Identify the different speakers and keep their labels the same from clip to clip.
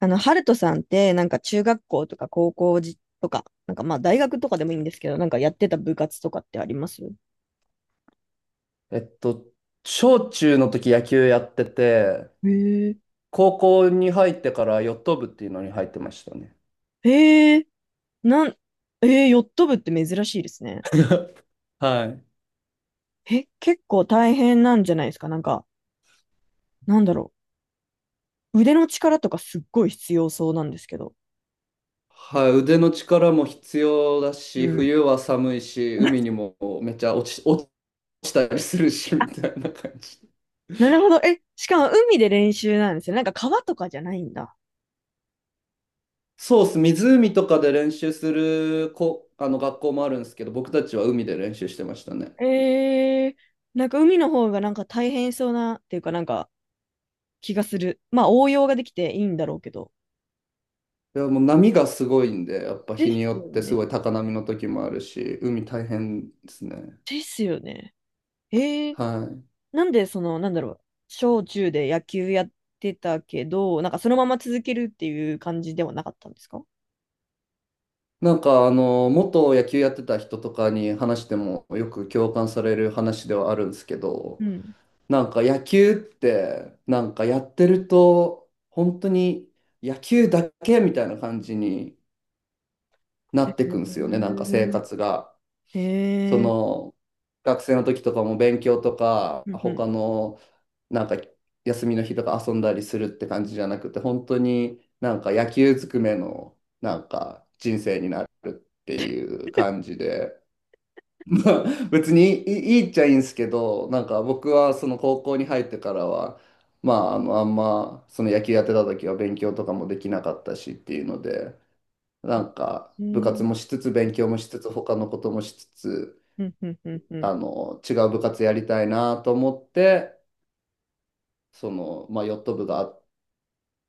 Speaker 1: ハルトさんって、なんか中学校とか高校じとか、なんかまあ大学とかでもいいんですけど、なんかやってた部活とかってあります？
Speaker 2: えっと、小中の時野球やってて、
Speaker 1: へえ
Speaker 2: 高校に入ってからヨット部っていうのに入ってましたね。
Speaker 1: へえなん、ヨット部って珍しいですね。
Speaker 2: はい。
Speaker 1: え、結構大変なんじゃないですかなんか、なんだろう。腕の力とかすっごい必要そうなんですけど。
Speaker 2: はい、腕の力も必要だ
Speaker 1: う
Speaker 2: し、
Speaker 1: ん。
Speaker 2: 冬は寒いし、海にもめっちゃ落ちたりするし、みたいな感じ。
Speaker 1: なるほど。え、しかも海で練習なんですよね。なんか川とかじゃないんだ。
Speaker 2: そうっす、湖とかで練習するこ、あの学校もあるんですけど、僕たちは海で練習してましたね。
Speaker 1: ええ、なんか海の方がなんか大変そうなっていうかなんか気がする。まあ応用ができていいんだろうけど。
Speaker 2: いや、もう波がすごいんで、やっぱ
Speaker 1: で
Speaker 2: 日に
Speaker 1: す
Speaker 2: よ
Speaker 1: よ
Speaker 2: ってす
Speaker 1: ね。
Speaker 2: ごい高波の時もあるし、海大変ですね。
Speaker 1: ですよね。えー、
Speaker 2: はい。
Speaker 1: なんでその、なんだろう、小中で野球やってたけど、なんかそのまま続けるっていう感じではなかったんですか？
Speaker 2: なんか元野球やってた人とかに話してもよく共感される話ではあるんですけ
Speaker 1: う
Speaker 2: ど、
Speaker 1: ん。
Speaker 2: なんか野球ってなんかやってると本当に野球だけみたいな感じにな
Speaker 1: へ
Speaker 2: って
Speaker 1: え
Speaker 2: くんですよね、なんか生活が。
Speaker 1: ー。
Speaker 2: そ
Speaker 1: えー
Speaker 2: の、学生の時とかも勉強とか
Speaker 1: うん
Speaker 2: 他の、なんか休みの日とか遊んだりするって感じじゃなくて、本当になんか野球ずくめのなんか人生になるっていう感じで、まあ 別にいいっちゃいいんですけど、なんか僕はその高校に入ってからはまあ、あのあんまその野球やってた時は勉強とかもできなかったしっていうので、なんか
Speaker 1: う
Speaker 2: 部
Speaker 1: ん。へ
Speaker 2: 活も
Speaker 1: ー
Speaker 2: しつつ勉強もしつつ他のこともしつつ、
Speaker 1: うんうんうんうん。
Speaker 2: あの、違う部活やりたいなと思って、その、まあ、ヨット部があっ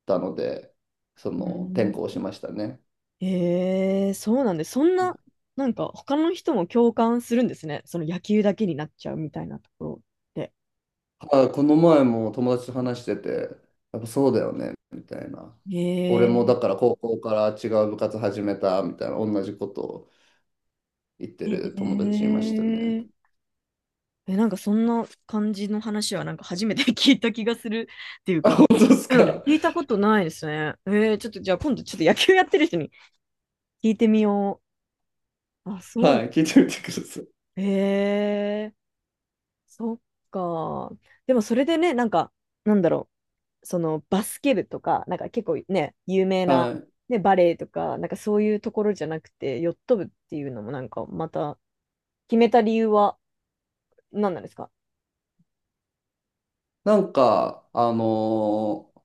Speaker 2: たので、そ
Speaker 1: う
Speaker 2: の、転
Speaker 1: ん
Speaker 2: 校しましたね。
Speaker 1: へえー、そうなんで、そんな、なんか他の人も共感するんですね。その野球だけになっちゃうみたいなところって。
Speaker 2: あ、この前も友達と話してて、やっぱそうだよね、みたいな。
Speaker 1: へ
Speaker 2: 俺もだ
Speaker 1: え
Speaker 2: から高校から違う部活始めた、みたいな、同じことを言って
Speaker 1: ー。へ
Speaker 2: る友
Speaker 1: え
Speaker 2: 達いましたね。
Speaker 1: ー。え、なんかそんな感じの話はなんか初めて 聞いた気がするっていう
Speaker 2: あ、
Speaker 1: か、
Speaker 2: 本当です
Speaker 1: うん。
Speaker 2: か。
Speaker 1: 聞いたことないですね。ちょっとじゃあ今度ちょっと野球やってる人に聞いてみよう。あ、そうなん
Speaker 2: はい、聞い
Speaker 1: だ。
Speaker 2: てみてください。
Speaker 1: えー、そっか。でもそれでね、なんか、なんだろう、そのバスケ部とか、なんか結構ね、有名な、
Speaker 2: はい。
Speaker 1: ね、バレエとか、なんかそういうところじゃなくて、ヨット部っていうのもなんかまた決めた理由は何なんですか？
Speaker 2: なんか、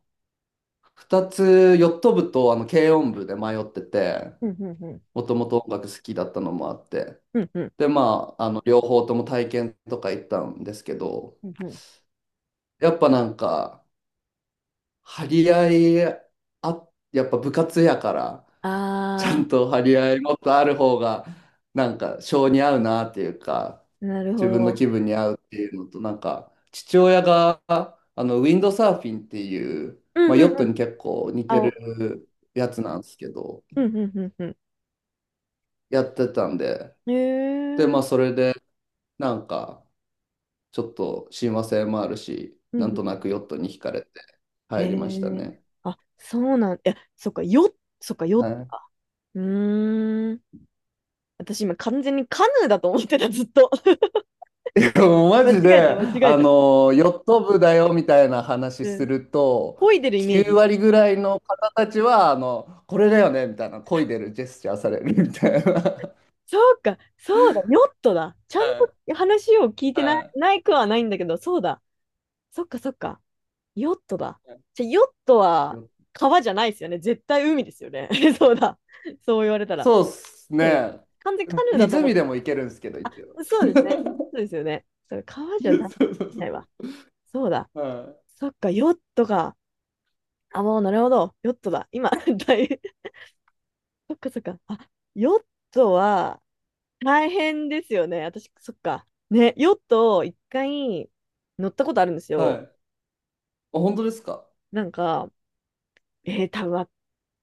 Speaker 2: 2つ、ヨット部とあの軽音部で迷ってて、
Speaker 1: うんうんうん。
Speaker 2: もともと音楽好きだったのもあって。
Speaker 1: うんうん。
Speaker 2: で、まあ、あの、両方とも体験とか行ったんですけど、
Speaker 1: うんうん。
Speaker 2: やっぱなんか、張り合い、あ、やっぱ部活やから、
Speaker 1: あ
Speaker 2: ちゃん
Speaker 1: ー
Speaker 2: と張り合いもっとある方が、なんか、性に合うなっていうか、
Speaker 1: なる
Speaker 2: 自
Speaker 1: ほ
Speaker 2: 分の
Speaker 1: ど。
Speaker 2: 気分に合うっていうのと、なんか、父親が、あの、ウィンドサーフィンっていう、
Speaker 1: う
Speaker 2: まあ、
Speaker 1: んうん
Speaker 2: ヨット
Speaker 1: うん。
Speaker 2: に結構似
Speaker 1: あ、
Speaker 2: て
Speaker 1: お
Speaker 2: るやつなんですけど、
Speaker 1: うんうんうんう
Speaker 2: やってたんで、
Speaker 1: ん。へ
Speaker 2: で、
Speaker 1: え、
Speaker 2: まあ、それで、なんか、ちょっと親和性もあるし、
Speaker 1: うんう
Speaker 2: なんとな
Speaker 1: ん。
Speaker 2: くヨットに惹かれて
Speaker 1: へ
Speaker 2: 入りました
Speaker 1: え。
Speaker 2: ね。
Speaker 1: あ、そうなん、いや、そっか、よ、そっか、
Speaker 2: は
Speaker 1: よ、
Speaker 2: い、
Speaker 1: うーん。私今完全にカヌーだと思ってた、ずっと。
Speaker 2: でもマ
Speaker 1: 間
Speaker 2: ジで、
Speaker 1: 違えた、間違え
Speaker 2: あ
Speaker 1: た。
Speaker 2: の、ヨット部だよみたいな話
Speaker 1: う
Speaker 2: す
Speaker 1: ん。
Speaker 2: ると、
Speaker 1: 漕いでるイメー
Speaker 2: 9
Speaker 1: ジ。
Speaker 2: 割ぐらいの方たちは、あの、これだよねみたいな、漕いでるジェスチャーされるみたいな。
Speaker 1: そうか、そうだ、ヨットだ。ちゃ
Speaker 2: は
Speaker 1: ん
Speaker 2: い、
Speaker 1: と話を聞いてない、
Speaker 2: は
Speaker 1: ないくはないんだけど、そうだ。そっか、そっか。ヨットだ。じゃ、ヨット
Speaker 2: い。
Speaker 1: は
Speaker 2: よ、
Speaker 1: 川じゃないですよね。絶対海ですよね。そうだ。そう言われたら。
Speaker 2: そうっす
Speaker 1: そうだ。
Speaker 2: ね。
Speaker 1: 完全カヌーだと思っ
Speaker 2: 湖
Speaker 1: て、
Speaker 2: でも行けるんですけど、
Speaker 1: あ、
Speaker 2: 一応。
Speaker 1: そうですね。そ うですよね。そう、川じゃダメ
Speaker 2: そ
Speaker 1: だ。
Speaker 2: うそうそ
Speaker 1: ない
Speaker 2: う。
Speaker 1: わ。そうだ。
Speaker 2: は
Speaker 1: そっか、ヨットか。あ、もうなるほど。ヨットだ。今、大変。そっかそっか。あ、ヨットは大変ですよね。私、そっか。ね、ヨットを一回乗ったことあるんです
Speaker 2: い。はい。
Speaker 1: よ。
Speaker 2: あ、本当ですか。
Speaker 1: なんか、多分、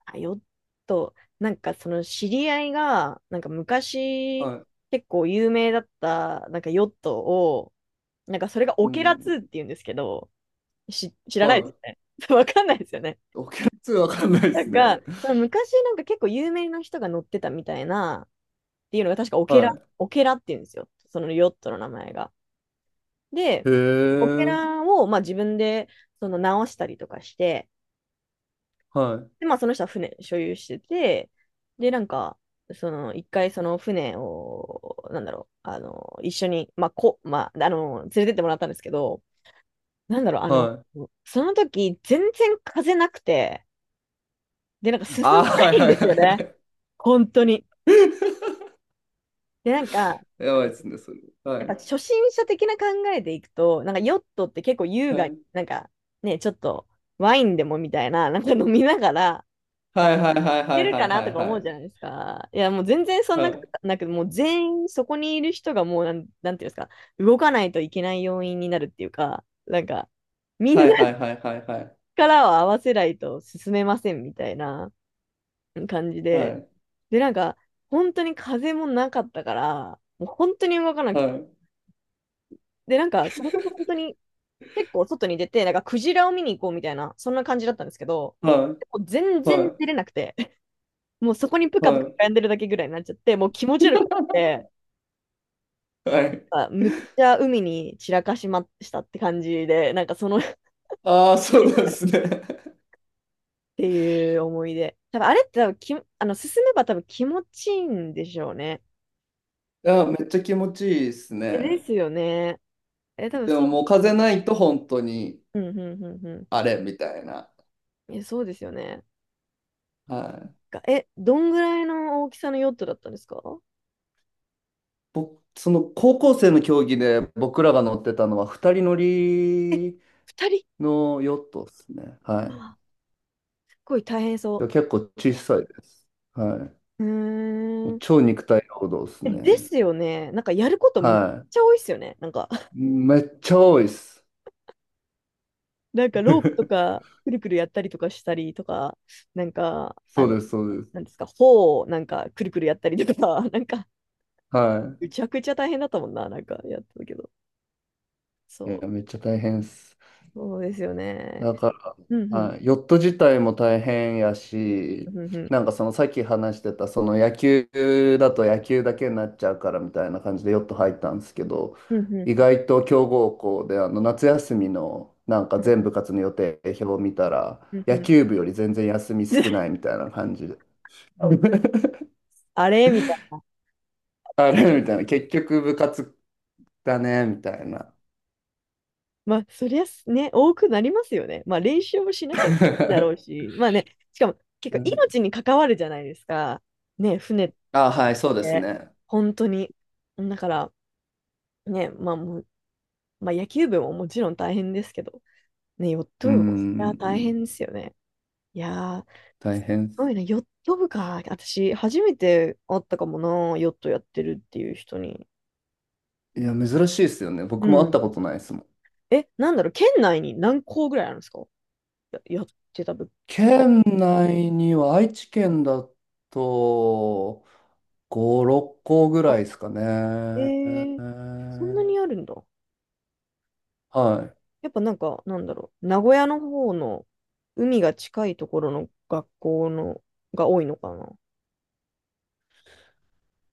Speaker 1: あヨット、なんかその知り合いが、なんか昔、
Speaker 2: はい。
Speaker 1: 結構有名だった、なんかヨットを、なんかそれが
Speaker 2: う
Speaker 1: オケラ2
Speaker 2: ん。
Speaker 1: って言うんですけど、知らないで
Speaker 2: は
Speaker 1: すよ
Speaker 2: い。
Speaker 1: ね。わかんないですよね。
Speaker 2: オケラわかんないで
Speaker 1: な
Speaker 2: す
Speaker 1: ん
Speaker 2: ね。
Speaker 1: か、その昔なんか結構有名な人が乗ってたみたいな、っていうのが確かオケラ、
Speaker 2: は
Speaker 1: オケラって言うんですよ。そのヨットの名前が。で、
Speaker 2: い。へ
Speaker 1: オケ
Speaker 2: え。
Speaker 1: ラをまあ自分でその直したりとかして、
Speaker 2: は
Speaker 1: で、
Speaker 2: い。
Speaker 1: まあその人は船所有してて、で、なんか、その一回その船を、なんだろう、一緒に、まあ、こ、まあ、連れてってもらったんですけど、なんだろう、
Speaker 2: はい。
Speaker 1: その時、全然風なくて、で、なんか進
Speaker 2: ああ、
Speaker 1: まな
Speaker 2: はい
Speaker 1: いん
Speaker 2: は
Speaker 1: で
Speaker 2: い
Speaker 1: す
Speaker 2: は
Speaker 1: よね。
Speaker 2: い。
Speaker 1: 本当に。で、なんか、
Speaker 2: やばいですね、それ。は
Speaker 1: やっぱ
Speaker 2: い。
Speaker 1: 初心者的な考えでいくと、なんかヨットって結構優
Speaker 2: は
Speaker 1: 雅に、
Speaker 2: い。
Speaker 1: なんかね、ちょっとワインでもみたいな、なんか飲みながら、
Speaker 2: はいはいはいは
Speaker 1: 出
Speaker 2: い
Speaker 1: る
Speaker 2: は
Speaker 1: かなと
Speaker 2: い
Speaker 1: か思
Speaker 2: は
Speaker 1: うじ
Speaker 2: い。
Speaker 1: ゃないですか。いや、もう全然そん
Speaker 2: は
Speaker 1: なこ
Speaker 2: い。
Speaker 1: となく、もう全員そこにいる人がもうなん、なんていうんですか、動かないといけない要因になるっていうか、なんか、みんな
Speaker 2: はいはいはいはいはい。
Speaker 1: 力を合わせないと進めませんみたいな感じ
Speaker 2: は
Speaker 1: で、
Speaker 2: い。
Speaker 1: で、なんか、本当に風もなかったから、もう本当に動かな
Speaker 2: は
Speaker 1: くて。
Speaker 2: い。
Speaker 1: で、なんか、それこそ本当に結構外に出て、なんかクジラを見に行こうみたいな、そんな感じだったんですけど、
Speaker 2: は
Speaker 1: も
Speaker 2: い。
Speaker 1: う全然
Speaker 2: は
Speaker 1: 出
Speaker 2: い
Speaker 1: れなくて、もうそこにぷか
Speaker 2: は
Speaker 1: ぷか
Speaker 2: い。
Speaker 1: 浮んでるだけぐらいになっちゃって、もう気持ち悪くて、
Speaker 2: はい。
Speaker 1: あむっちゃ海に散らかしましたって感じで、なんかその っ
Speaker 2: ああ、そうなんですね。
Speaker 1: ていう思い出。多分あれって多分き、あの、進めば多分気持ちいいんでしょうね。
Speaker 2: いや、めっちゃ気持ちいいです
Speaker 1: えで
Speaker 2: ね。
Speaker 1: すよね。え、多分
Speaker 2: でも
Speaker 1: そ
Speaker 2: もう風ないと本当に
Speaker 1: う。うん、うん、うん、うん。
Speaker 2: あれみたいな。
Speaker 1: え、そうですよね。
Speaker 2: はい。
Speaker 1: がえ、どんぐらいの大きさのヨットだったんですか？
Speaker 2: 僕、その高校生の競技で僕らが乗ってたのは二人乗
Speaker 1: え
Speaker 2: り
Speaker 1: 二人
Speaker 2: のヨットですね。
Speaker 1: う
Speaker 2: はい。
Speaker 1: わ、すっごい大変そ
Speaker 2: 結構小さいです。はい。
Speaker 1: う。う
Speaker 2: も
Speaker 1: ー
Speaker 2: う
Speaker 1: ん。
Speaker 2: 超肉体労働です
Speaker 1: えで
Speaker 2: ね。
Speaker 1: すよね。なんかやることむっ
Speaker 2: は
Speaker 1: ちゃ多いっすよね。なんか、
Speaker 2: い。めっちゃ多いです。
Speaker 1: なんかロープと か、くるくるやったりとかしたりとか、なんか、
Speaker 2: そうです、そうです。
Speaker 1: なんですか、帆をなんかくるくるやったりとか、なんか、
Speaker 2: は
Speaker 1: むちゃくちゃ大変だったもんな、なんかやってたけど。そ
Speaker 2: い。いや、
Speaker 1: う、
Speaker 2: めっちゃ大変です。
Speaker 1: そうですよね。
Speaker 2: だか、
Speaker 1: うんうん、
Speaker 2: はい、ヨット自体も大変や
Speaker 1: う
Speaker 2: し、
Speaker 1: んうん、
Speaker 2: なんかそのさっき話してた、その野球だと野球だけになっちゃうからみたいな感じでヨット入ったんですけど、
Speaker 1: うんう
Speaker 2: 意
Speaker 1: ん、
Speaker 2: 外と強豪校であの夏休みのなんか
Speaker 1: うん
Speaker 2: 全部活の予定表を見たら、
Speaker 1: うん。
Speaker 2: 野
Speaker 1: うん
Speaker 2: 球部より全然休み少ない みたいな感じで、あ
Speaker 1: あれみたいな、
Speaker 2: あれみたいな、結局部活だねみたいな。
Speaker 1: まあ、そりゃすね、多くなりますよね。まあ、練習もしなきゃいけないだろう し、まあね、しかも結
Speaker 2: う
Speaker 1: 構
Speaker 2: ん、
Speaker 1: 命に関わるじゃないですか。ね、船っ
Speaker 2: あ、はい、そうです
Speaker 1: て、
Speaker 2: ね。
Speaker 1: 本当に。だから、ね、まあもう、まあ、野球部ももちろん大変ですけど、ね、ヨッ
Speaker 2: う
Speaker 1: ト部もそりゃ大
Speaker 2: ん、
Speaker 1: 変ですよね。いやー、
Speaker 2: 大
Speaker 1: す
Speaker 2: 変。
Speaker 1: ごいね、ヨット部か。私、初めて会ったかもな、ヨットやってるっていう人に。
Speaker 2: いや、珍しいですよね。
Speaker 1: う
Speaker 2: 僕も会っ
Speaker 1: ん。
Speaker 2: たことないですもん。
Speaker 1: え、なんだろう、県内に何校ぐらいあるんですか？やってた部。
Speaker 2: 県内には愛知県だと5、6個ぐらいですか
Speaker 1: え
Speaker 2: ね。
Speaker 1: ー、そんなにあるんだ。
Speaker 2: はい。
Speaker 1: やっぱなんか、なんだろう、名古屋の方の海が近いところの学校のが多いのかな。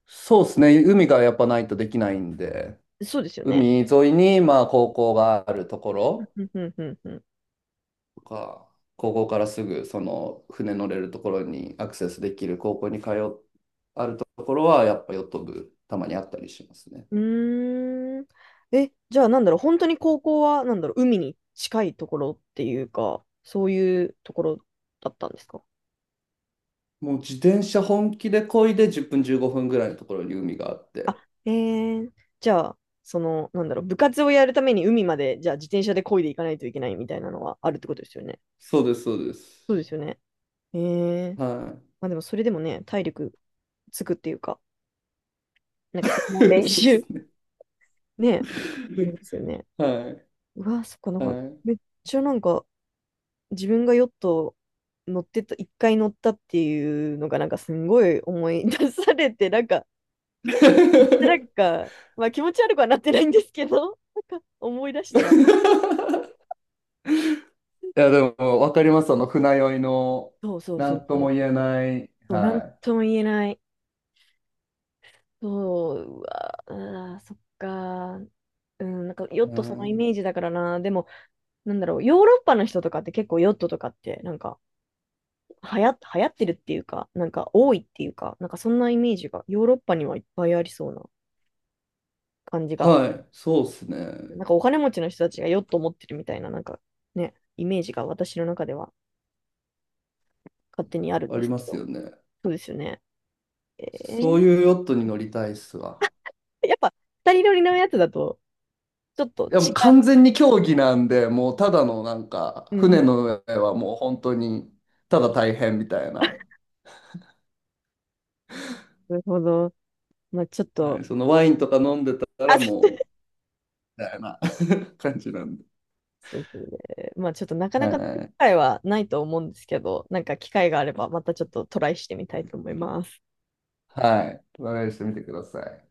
Speaker 2: そうですね。海がやっぱないとできないんで、
Speaker 1: そうですよね。
Speaker 2: 海沿いにまあ高校があるところ
Speaker 1: ふんふんふんふん。
Speaker 2: とか、高校からすぐその船乗れるところにアクセスできる高校に通う、あるところはやっぱヨット部たまにあったりしますね。
Speaker 1: うーん。え、じゃあなんだろう、本当に高校は、なんだろう、海に近いところっていうか、そういうところだったんですか？
Speaker 2: もう自転車本気で漕いで10分15分ぐらいのところに海があって。
Speaker 1: あ、じゃあ、その、なんだろう、部活をやるために海まで、じゃあ自転車で漕いでいかないといけないみたいなのはあるってことですよね。
Speaker 2: そうです、そうで
Speaker 1: そ
Speaker 2: す。
Speaker 1: うですよね。えー。
Speaker 2: は
Speaker 1: まあでもそれでもね、体力つくっていうか、なんかそれも
Speaker 2: い。
Speaker 1: 練
Speaker 2: そうで
Speaker 1: 習。
Speaker 2: す ね。
Speaker 1: ねえ、ですよね。
Speaker 2: はい。
Speaker 1: うわ、そっか、なんか、
Speaker 2: はい。
Speaker 1: めっちゃなんか、自分がヨット乗ってた、一回乗ったっていうのが、なんかすんごい思い出されて、なんか、めっちゃな んか、まあ気持ち悪くはなってないんですけど、なんか思い出したら、
Speaker 2: いや、でも、わかります。その船酔いの、
Speaker 1: そうそう
Speaker 2: な
Speaker 1: そう
Speaker 2: んと
Speaker 1: そ
Speaker 2: も
Speaker 1: う
Speaker 2: 言えない。
Speaker 1: そう、なん
Speaker 2: は
Speaker 1: とも言えない。そう、うわ、あー、そっか。うん、なんかヨ
Speaker 2: い。
Speaker 1: ッ
Speaker 2: う
Speaker 1: トそのイ
Speaker 2: ん、
Speaker 1: メージだからな。でも、なんだろう、ヨーロッパの人とかって結構ヨットとかってなんか流行ってるっていうか、なんか多いっていうか、なんかそんなイメージがヨーロッパにはいっぱいありそうな感じが、
Speaker 2: はい。そうですね。
Speaker 1: なんかお金持ちの人たちがヨット持ってるみたいな、なんかね、イメージが私の中では勝手にあるん
Speaker 2: あ
Speaker 1: で
Speaker 2: り
Speaker 1: すけ
Speaker 2: ます
Speaker 1: ど、
Speaker 2: よね。
Speaker 1: そうですよね。え
Speaker 2: そ
Speaker 1: ー、
Speaker 2: ういうヨットに乗りたいっすわ。
Speaker 1: やっぱ二人乗りのやつだとちょっと
Speaker 2: で
Speaker 1: 違
Speaker 2: も完
Speaker 1: う。
Speaker 2: 全に競技なんで、もうただのなんか、
Speaker 1: うん、
Speaker 2: 船の上はもう本当に、ただ大変みたいな。
Speaker 1: なるほど。まあちょっ
Speaker 2: は
Speaker 1: と、
Speaker 2: い、そのワインとか飲んでた
Speaker 1: あ、
Speaker 2: ら
Speaker 1: そう
Speaker 2: もう、みたいな 感じなんで。
Speaker 1: そうですね。まあちょっとなかなか機
Speaker 2: はい。
Speaker 1: 会はないと思うんですけど、なんか機会があればまたちょっとトライしてみたいと思います。
Speaker 2: はい。トライしてみてください。